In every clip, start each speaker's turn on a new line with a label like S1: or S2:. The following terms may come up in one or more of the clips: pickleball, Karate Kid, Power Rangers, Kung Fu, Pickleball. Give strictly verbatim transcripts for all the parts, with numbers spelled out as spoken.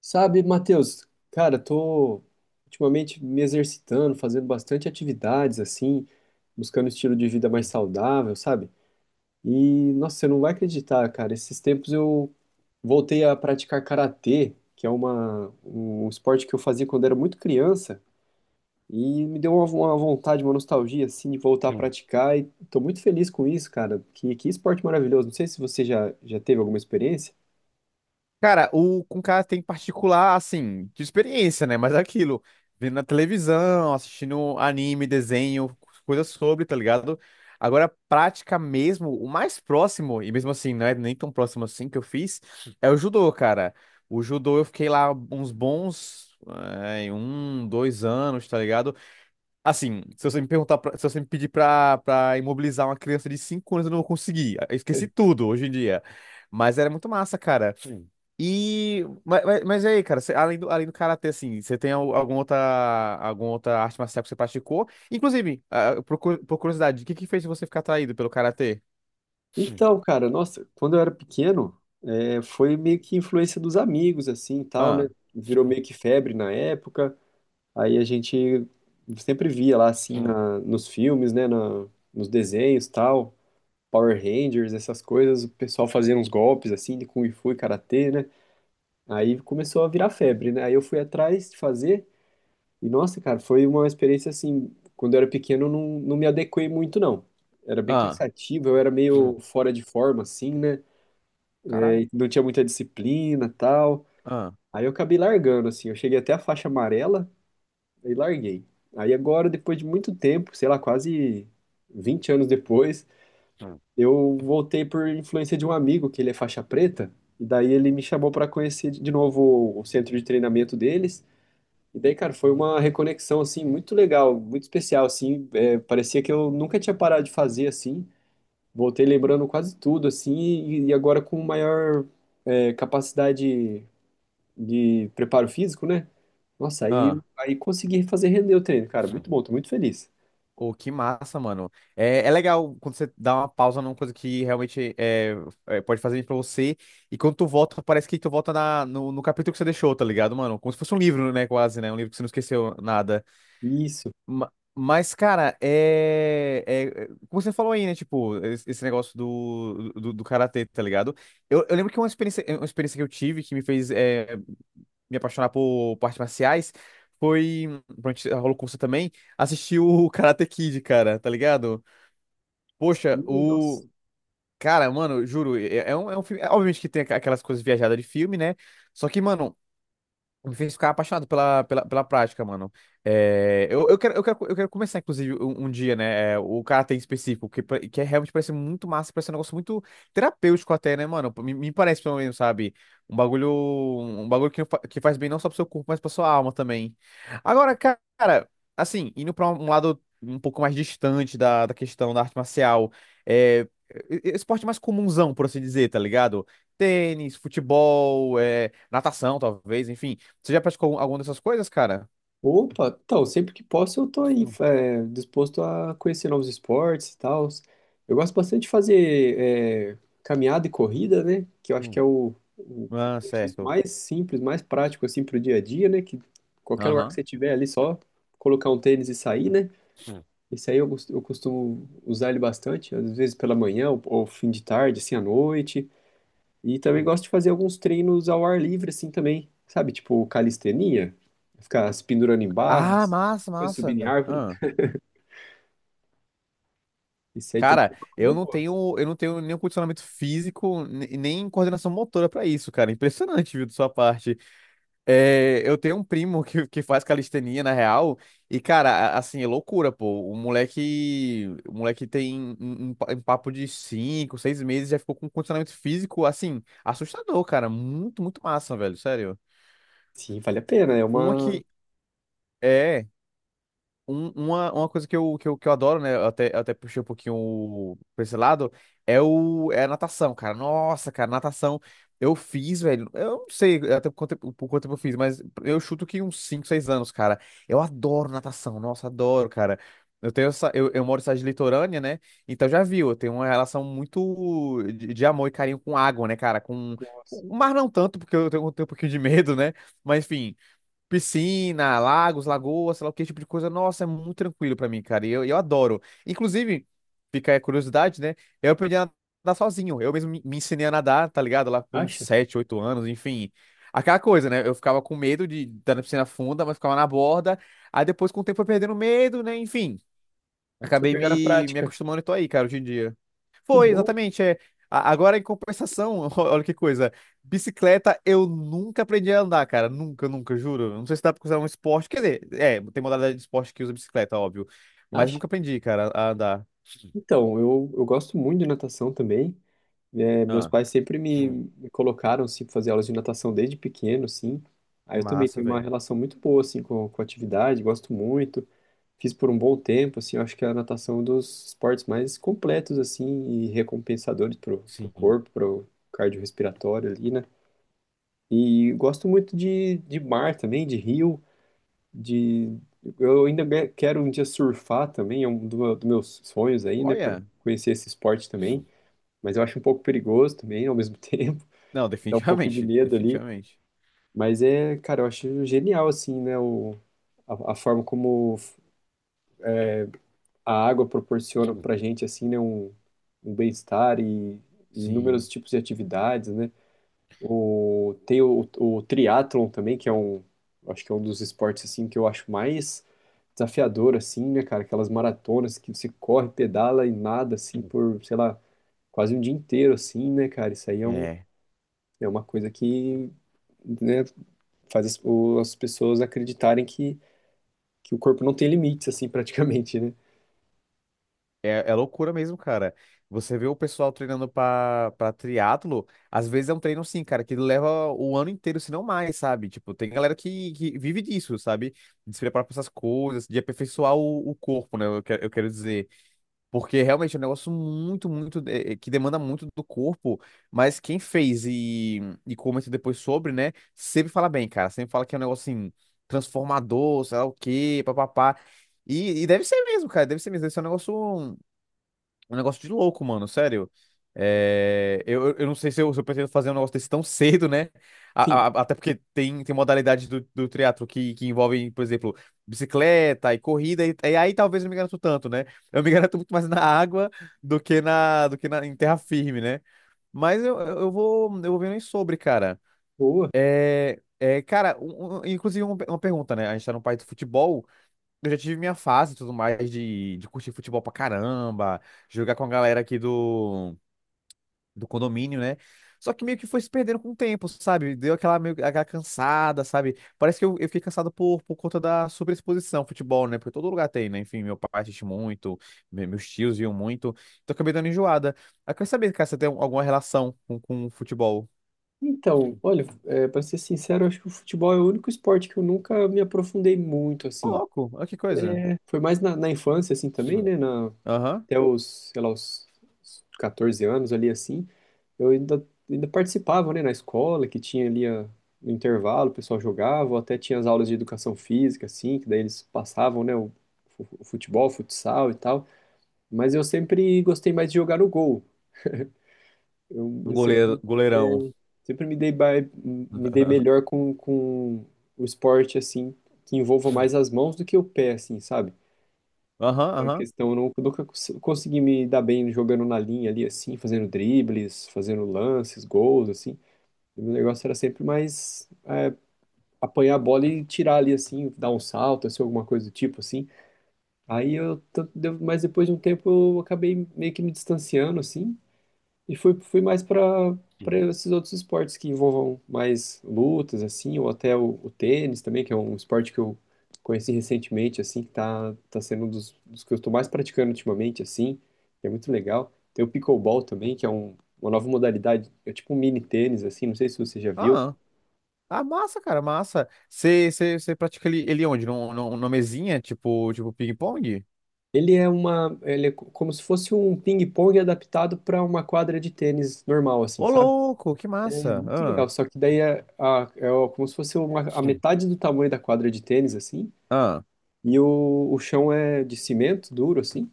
S1: Sabe, Matheus, cara, tô ultimamente me exercitando, fazendo bastante atividades assim, buscando um estilo de vida mais
S2: Sim,
S1: saudável, sabe? E nossa, você não vai acreditar, cara, esses tempos eu voltei a praticar karatê, que é uma, um esporte que eu fazia quando era muito criança, e me deu uma, uma vontade, uma nostalgia assim de voltar a
S2: sim.
S1: praticar e tô muito feliz com isso, cara. Que, que esporte maravilhoso. Não sei se você já, já teve alguma experiência.
S2: Cara, o com cara tem particular, assim, de experiência, né? Mas é aquilo, vendo na televisão, assistindo anime, desenho, coisas sobre, tá ligado? Agora, prática mesmo, o mais próximo, e mesmo assim, não é nem tão próximo assim que eu fiz, é o judô, cara. O judô eu fiquei lá uns bons, é, um, dois anos, tá ligado? Assim, se você me perguntar, pra- se você me pedir pra, pra imobilizar uma criança de cinco anos, eu não vou conseguir. Eu esqueci tudo hoje em dia. Mas era muito massa, cara. Sim. E. Mas, mas, mas e aí, cara, você- além do, além do karatê, assim, você tem al- alguma outra, alguma outra arte marcial que você praticou? Inclusive, ah, por, cu- por curiosidade, o que que fez você ficar atraído pelo karatê? Sim.
S1: Então, cara, nossa, quando eu era pequeno, é, foi meio que influência dos amigos, assim, e tal, né?
S2: Ah,
S1: Virou
S2: sim.
S1: meio que febre na época. Aí a gente sempre via lá, assim,
S2: Sim.
S1: na, nos filmes, né? Na, nos desenhos, tal. Power Rangers, essas coisas. O pessoal fazia uns golpes, assim, de Kung Fu e Karatê, né? Aí começou a virar febre, né? Aí eu fui atrás de fazer. E, nossa, cara, foi uma experiência, assim, quando eu era pequeno, eu não, não me adequei muito, não. Era bem
S2: Ah,
S1: cansativo, eu era meio
S2: sim.
S1: fora de forma, assim, né?
S2: Caralho.
S1: Aí não tinha muita disciplina, tal.
S2: Ah,
S1: Aí eu acabei largando, assim. Eu cheguei até a faixa amarela e larguei. Aí agora, depois de muito tempo, sei lá, quase vinte anos depois, eu voltei por influência de um amigo, que ele é faixa preta. E daí ele me chamou para conhecer de novo o centro de treinamento deles. E daí, cara, foi uma reconexão, assim, muito legal, muito especial, assim. É, parecia que eu nunca tinha parado de fazer, assim. Voltei lembrando quase tudo, assim, e, e agora com maior, é, capacidade de preparo físico, né? Nossa, aí,
S2: ah.
S1: aí consegui fazer render o treino, cara. Muito bom, tô muito feliz.
S2: Pô, que massa, mano. É, é legal quando você dá uma pausa numa coisa que realmente é, é, pode fazer bem pra você. E quando tu volta, parece que tu volta na, no, no capítulo que você deixou, tá ligado, mano? Como se fosse um livro, né? Quase, né? Um livro que você não esqueceu nada.
S1: Isso.
S2: Ma- Mas, cara, é, é- é- como você falou aí, né? Tipo, es- esse negócio do, do, do karatê, tá ligado? Eu, eu lembro que uma experiência, uma experiência que eu tive que me fez é, me apaixonar por, por artes marciais foi. Pronto, rolou com você também. Assistir o Karate Kid, cara, tá ligado? Poxa,
S1: Sim, nossa.
S2: o. Cara, mano, juro, é, é um, é um filme. é, Obviamente que tem aqu- aquelas coisas viajadas de filme, né? Só que, mano, me fez ficar apaixonado pela, pela, pela prática, mano. É, eu, eu quero, eu quero, eu quero começar, inclusive, um, um dia, né? é, o karatê em específico, que, pa- que é realmente parece muito massa, parece um negócio muito terapêutico até, né, mano? Me, me parece, pelo menos, sabe? Um bagulho, um um bagulho que, fa- que faz bem não só pro seu corpo, mas pra sua alma também. Agora, cara, assim, indo pra um lado um pouco mais distante da, da questão da arte marcial, é, e- e- esporte mais comunzão, por assim dizer, tá ligado? Tênis, futebol, é, natação, talvez, enfim. Você já praticou alguma dessas coisas, cara?
S1: Opa, então, sempre que posso eu tô aí,
S2: Hum,
S1: é, disposto a conhecer novos esportes e tal. Eu gosto bastante de fazer é, caminhada e corrida, né? Que eu acho que
S2: hum.
S1: é o, o
S2: Ah,
S1: exercício
S2: certo.
S1: mais simples, mais prático, assim, pro dia a dia, né? Que qualquer lugar que
S2: Aham.
S1: você tiver ali, só colocar um tênis e sair, né?
S2: Hum,
S1: Esse aí eu, gost- eu costumo usar ele bastante, às vezes pela manhã ou, ou fim de tarde, assim, à noite. E também
S2: hum.
S1: gosto de fazer alguns treinos ao ar livre, assim, também. Sabe, tipo calistenia, ficar se pendurando em
S2: Ah,
S1: barras,
S2: massa,
S1: depois
S2: massa.
S1: subindo em árvore.
S2: Ah.
S1: Isso aí também é
S2: Cara,
S1: uma coisa
S2: eu não
S1: boa.
S2: tenho, eu não tenho nenhum condicionamento físico, ne- nem coordenação motora pra isso, cara. Impressionante, viu, de sua parte. É, eu tenho um primo que, que faz calistenia, na real, e, cara, a- assim, é loucura, pô. O moleque, o moleque tem um, um pa- um papo de cinco, seis meses, já ficou com um condicionamento físico, assim, assustador, cara. Muito, muito massa, velho, sério.
S1: Sim, vale a pena, é
S2: Uma
S1: uma...
S2: que, É, um- uma, uma coisa que eu, que eu, que eu adoro, né? eu Até, eu até puxei um pouquinho o- pra esse lado, é, o, é a natação, cara. Nossa, cara, natação. Eu fiz, velho. Eu não sei até por quanto, tempo- por quanto tempo eu fiz, mas eu chuto que uns cinco seis anos, cara. Eu adoro natação, nossa, adoro, cara. Eu tenho essa, eu, eu moro em cidade litorânea, né? Então já viu, eu tenho uma relação muito de, de amor e carinho com água, né, cara? Com, com
S1: Nossa.
S2: o mar não tanto, porque eu tenho, tenho um pouquinho de medo, né? Mas enfim. Piscina, lagos, lagoas, sei lá o que, esse tipo de coisa. Nossa, é muito tranquilo pra mim, cara. E eu, eu adoro. Inclusive, fica aí a curiosidade, né? Eu aprendi a nadar sozinho. Eu mesmo me, me ensinei a nadar, tá ligado? Lá por uns
S1: Acha?
S2: sete oito anos, enfim. Aquela coisa, né? Eu ficava com medo de estar na piscina funda, mas ficava na borda. Aí depois, com o tempo, foi perdendo medo, né? Enfim.
S1: Foi
S2: Acabei
S1: pegar na
S2: me, me
S1: prática.
S2: acostumando e tô aí, cara, hoje em dia.
S1: Que
S2: Foi,
S1: bom.
S2: exatamente. É. A- Agora, em compensação, olha que coisa. Bicicleta eu nunca aprendi a andar, cara. Nunca, nunca, juro. Não sei se dá pra considerar um esporte. Quer dizer, é, tem modalidade de esporte que usa bicicleta, óbvio. Mas
S1: Acha?
S2: nunca aprendi, cara, a andar.
S1: Então, eu, eu gosto muito de natação também. É, meus
S2: Ah.
S1: pais sempre me,
S2: Hum,
S1: me colocaram, assim, pra fazer aulas de natação desde pequeno, assim. Aí eu também
S2: massa,
S1: tenho uma
S2: velho.
S1: relação muito boa, assim, com, com a atividade, gosto muito. Fiz por um bom tempo, assim, eu acho que a natação é um dos esportes mais completos, assim, e recompensadores pro, pro
S2: Sim.
S1: corpo, pro cardiorrespiratório ali, né? E gosto muito de, de mar também, de rio, de... Eu ainda be- quero um dia surfar também, é um do meu- dos meus sonhos aí, né? Pra
S2: Olha.
S1: conhecer esse esporte também,
S2: Hum,
S1: mas eu acho um pouco perigoso também, ao mesmo tempo
S2: não,
S1: dá um pouco de
S2: definitivamente.
S1: medo ali.
S2: Definitivamente.
S1: Mas é, cara, eu acho genial, assim, né? O, a, a forma como a água proporciona
S2: Hum.
S1: pra gente, assim, né? Um, um bem-estar e, e inúmeros
S2: Sim.
S1: tipos de atividades, né? O, tem o, o triatlon também, que é um, acho que é um dos esportes, assim, que eu acho mais desafiador, assim, né, cara? Aquelas maratonas que você corre, pedala e nada, assim,
S2: Hum.
S1: por, sei lá, quase um dia inteiro, assim, né, cara? Isso aí é um,
S2: É.
S1: é uma coisa que, né, faz as, o- as pessoas acreditarem que, que o corpo não tem limites, assim, praticamente, né?
S2: É, é loucura mesmo, cara. Você vê o pessoal treinando pra, pra triatlo, às vezes é um treino assim, cara, que leva o ano inteiro, se não mais, sabe? Tipo, tem galera que, que vive disso, sabe? De se preparar pra essas coisas, de aperfeiçoar o, o corpo, né? Eu quero, eu quero dizer. Porque realmente é um negócio muito, muito, eh, que demanda muito do corpo, mas quem fez e, e comenta depois sobre, né? Sempre fala bem, cara. Sempre fala que é um negócio assim, transformador, sei lá o quê, papapá. E, e deve ser mesmo, cara, deve ser mesmo. Deve ser um negócio. Um negócio de louco, mano, sério. É, eu, eu eu não sei se eu, se eu pretendo fazer um negócio desse tão cedo, né?
S1: Enfim,
S2: A- a- até porque tem, tem modalidades do, do triatlo que, que envolvem, por exemplo, bicicleta e corrida, e, e aí talvez eu não me garanto tanto, né? Eu me garanto muito mais na água do que na, do que na, em terra firme, né? Mas eu, eu eu vou, eu vou vendo aí sobre, cara.
S1: boa.
S2: É, é, cara, um- um- inclusive uma, uma pergunta, né? A gente tá no país do futebol. Eu já tive minha fase e tudo mais de, de curtir futebol pra caramba, jogar com a galera aqui do, do condomínio, né? Só que meio que foi se perdendo com o tempo, sabe? Deu aquela, meio, aquela cansada, sabe? Parece que eu, eu fiquei cansado por, por conta da superexposição ao futebol, né? Porque todo lugar tem, né? Enfim, meu pai assiste muito, me- meus tios viam muito, então eu acabei dando enjoada. Eu quero saber, cara, se você tem alguma relação com, com o futebol.
S1: Então,
S2: Hum.
S1: olha, é, para ser sincero, eu acho que o futebol é o único esporte que eu nunca me aprofundei muito,
S2: Ô,
S1: assim.
S2: louco, olha que coisa.
S1: Foi mais na, na infância, assim, também,
S2: Hum.
S1: né? Na,
S2: Aham.
S1: até os, sei lá, os os catorze anos ali, assim. Eu ainda, ainda participava, né? Na escola, que tinha ali a, no intervalo, o pessoal jogava, ou até tinha as aulas de educação física, assim, que daí eles passavam, né? O, o futebol, o futsal e tal. Mas eu sempre gostei mais de jogar no gol. Eu,
S2: Um
S1: eu
S2: goleiro,
S1: sempre, é,
S2: goleirão.
S1: sempre me dei, ba- me dei melhor com, com o esporte, assim, que envolva mais as mãos do que o pé, assim, sabe?
S2: Aham,
S1: A
S2: aham.
S1: questão, eu não- eu nunca cons- consegui me dar bem jogando na linha ali, assim, fazendo dribles, fazendo lances, gols, assim. O meu negócio era sempre mais apanhar a bola e tirar ali, assim, dar um salto, assim, alguma coisa do tipo, assim. Aí eu, tanto deu- mas depois de um tempo eu acabei meio que me distanciando, assim, e fui, fui mais para para esses outros esportes que envolvam mais lutas, assim, ou até o, o tênis também, que é um esporte que eu conheci recentemente, assim, que tá, tá sendo um dos, dos que eu estou mais praticando ultimamente, assim, que é muito legal. Tem o pickleball também, que é um, uma nova modalidade, é tipo um mini tênis, assim, não sei se você já viu.
S2: Aham. Ah, massa, cara, massa. Você pratica ele, ele onde? Num- num- Numa mesinha, tipo, tipo ping-pong?
S1: Ele é uma, ele é co- como se fosse um ping-pong adaptado para uma quadra de tênis normal, assim,
S2: Ô,
S1: sabe?
S2: louco, que
S1: É
S2: massa.
S1: muito
S2: Ah,
S1: legal, só que daí é, a- é o- como se fosse uma, a
S2: sim.
S1: metade do tamanho da quadra de tênis, assim,
S2: Ah,
S1: e o, o chão é de cimento duro, assim.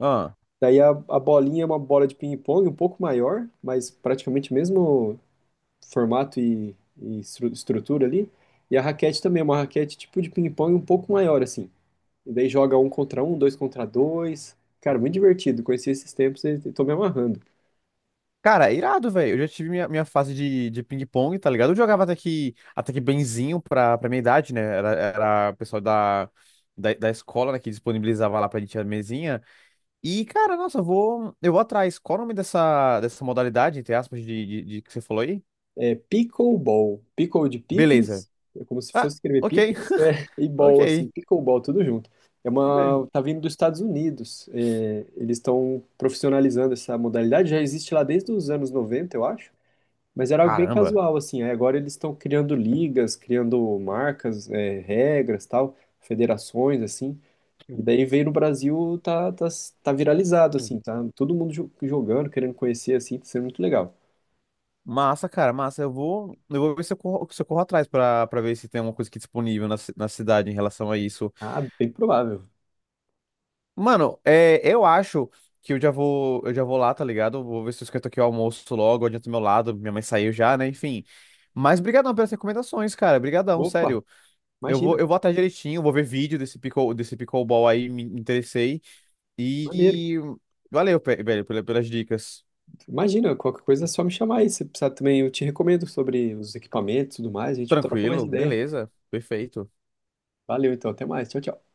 S2: ah.
S1: Daí a, a bolinha é uma bola de ping-pong um pouco maior, mas praticamente mesmo formato e, e estru- estrutura ali. E a raquete também é uma raquete tipo de ping-pong um pouco maior, assim. E daí joga um contra um, dois contra dois. Cara, muito divertido. Conheci esses tempos e e tô me amarrando.
S2: Cara, irado, velho. Eu já tive minha, minha fase de, de ping-pong, tá ligado? Eu jogava até que, até que benzinho pra, pra minha idade, né? Era, era o pessoal da, da, da escola, né, que disponibilizava lá pra gente a mesinha. E, cara, nossa, eu vou, eu vou atrás. Qual o nome dessa, dessa modalidade, entre aspas, de, de, de que você falou aí?
S1: É Pickleball. Pickle de
S2: Beleza.
S1: picles, é como se
S2: Ah,
S1: fosse escrever
S2: ok.
S1: picles, é, e
S2: Ok.
S1: ball, assim, pickleball, tudo junto. É
S2: Bem.
S1: uma, tá vindo dos Estados Unidos. É, eles estão profissionalizando essa modalidade, já existe lá desde os anos noventa, eu acho, mas era algo bem
S2: Caramba.
S1: casual, assim. Aí agora eles estão criando ligas, criando marcas, é, regras, tal, federações, assim. E daí veio no Brasil, tá, tá, tá viralizado, assim, tá todo mundo jo- jogando, querendo conhecer, assim, tá sendo muito legal.
S2: Massa, cara, massa. Eu vou, eu vou ver se eu corro, se eu corro atrás pra, pra ver se tem alguma coisa aqui disponível na, ci- na cidade em relação a isso.
S1: Ah, bem provável.
S2: Mano, é, eu acho que eu já vou, eu já vou lá, tá ligado? Vou ver se eu esquento aqui o almoço logo, adianto do meu lado, minha mãe saiu já, né? Enfim. Mas brigadão pelas recomendações, cara. Brigadão,
S1: Opa!
S2: sério. Eu
S1: Imagina,
S2: vou, eu vou atrás direitinho, vou ver vídeo desse pickle, desse pickleball aí, me interessei.
S1: maneiro.
S2: E valeu, pe- velho, pela- pelas dicas.
S1: Imagina, qualquer coisa é só me chamar aí. Se precisar também, eu te recomendo sobre os equipamentos e tudo mais. A gente troca mais
S2: Tranquilo,
S1: ideia.
S2: beleza, perfeito.
S1: Valeu, então. Até mais. Tchau, tchau.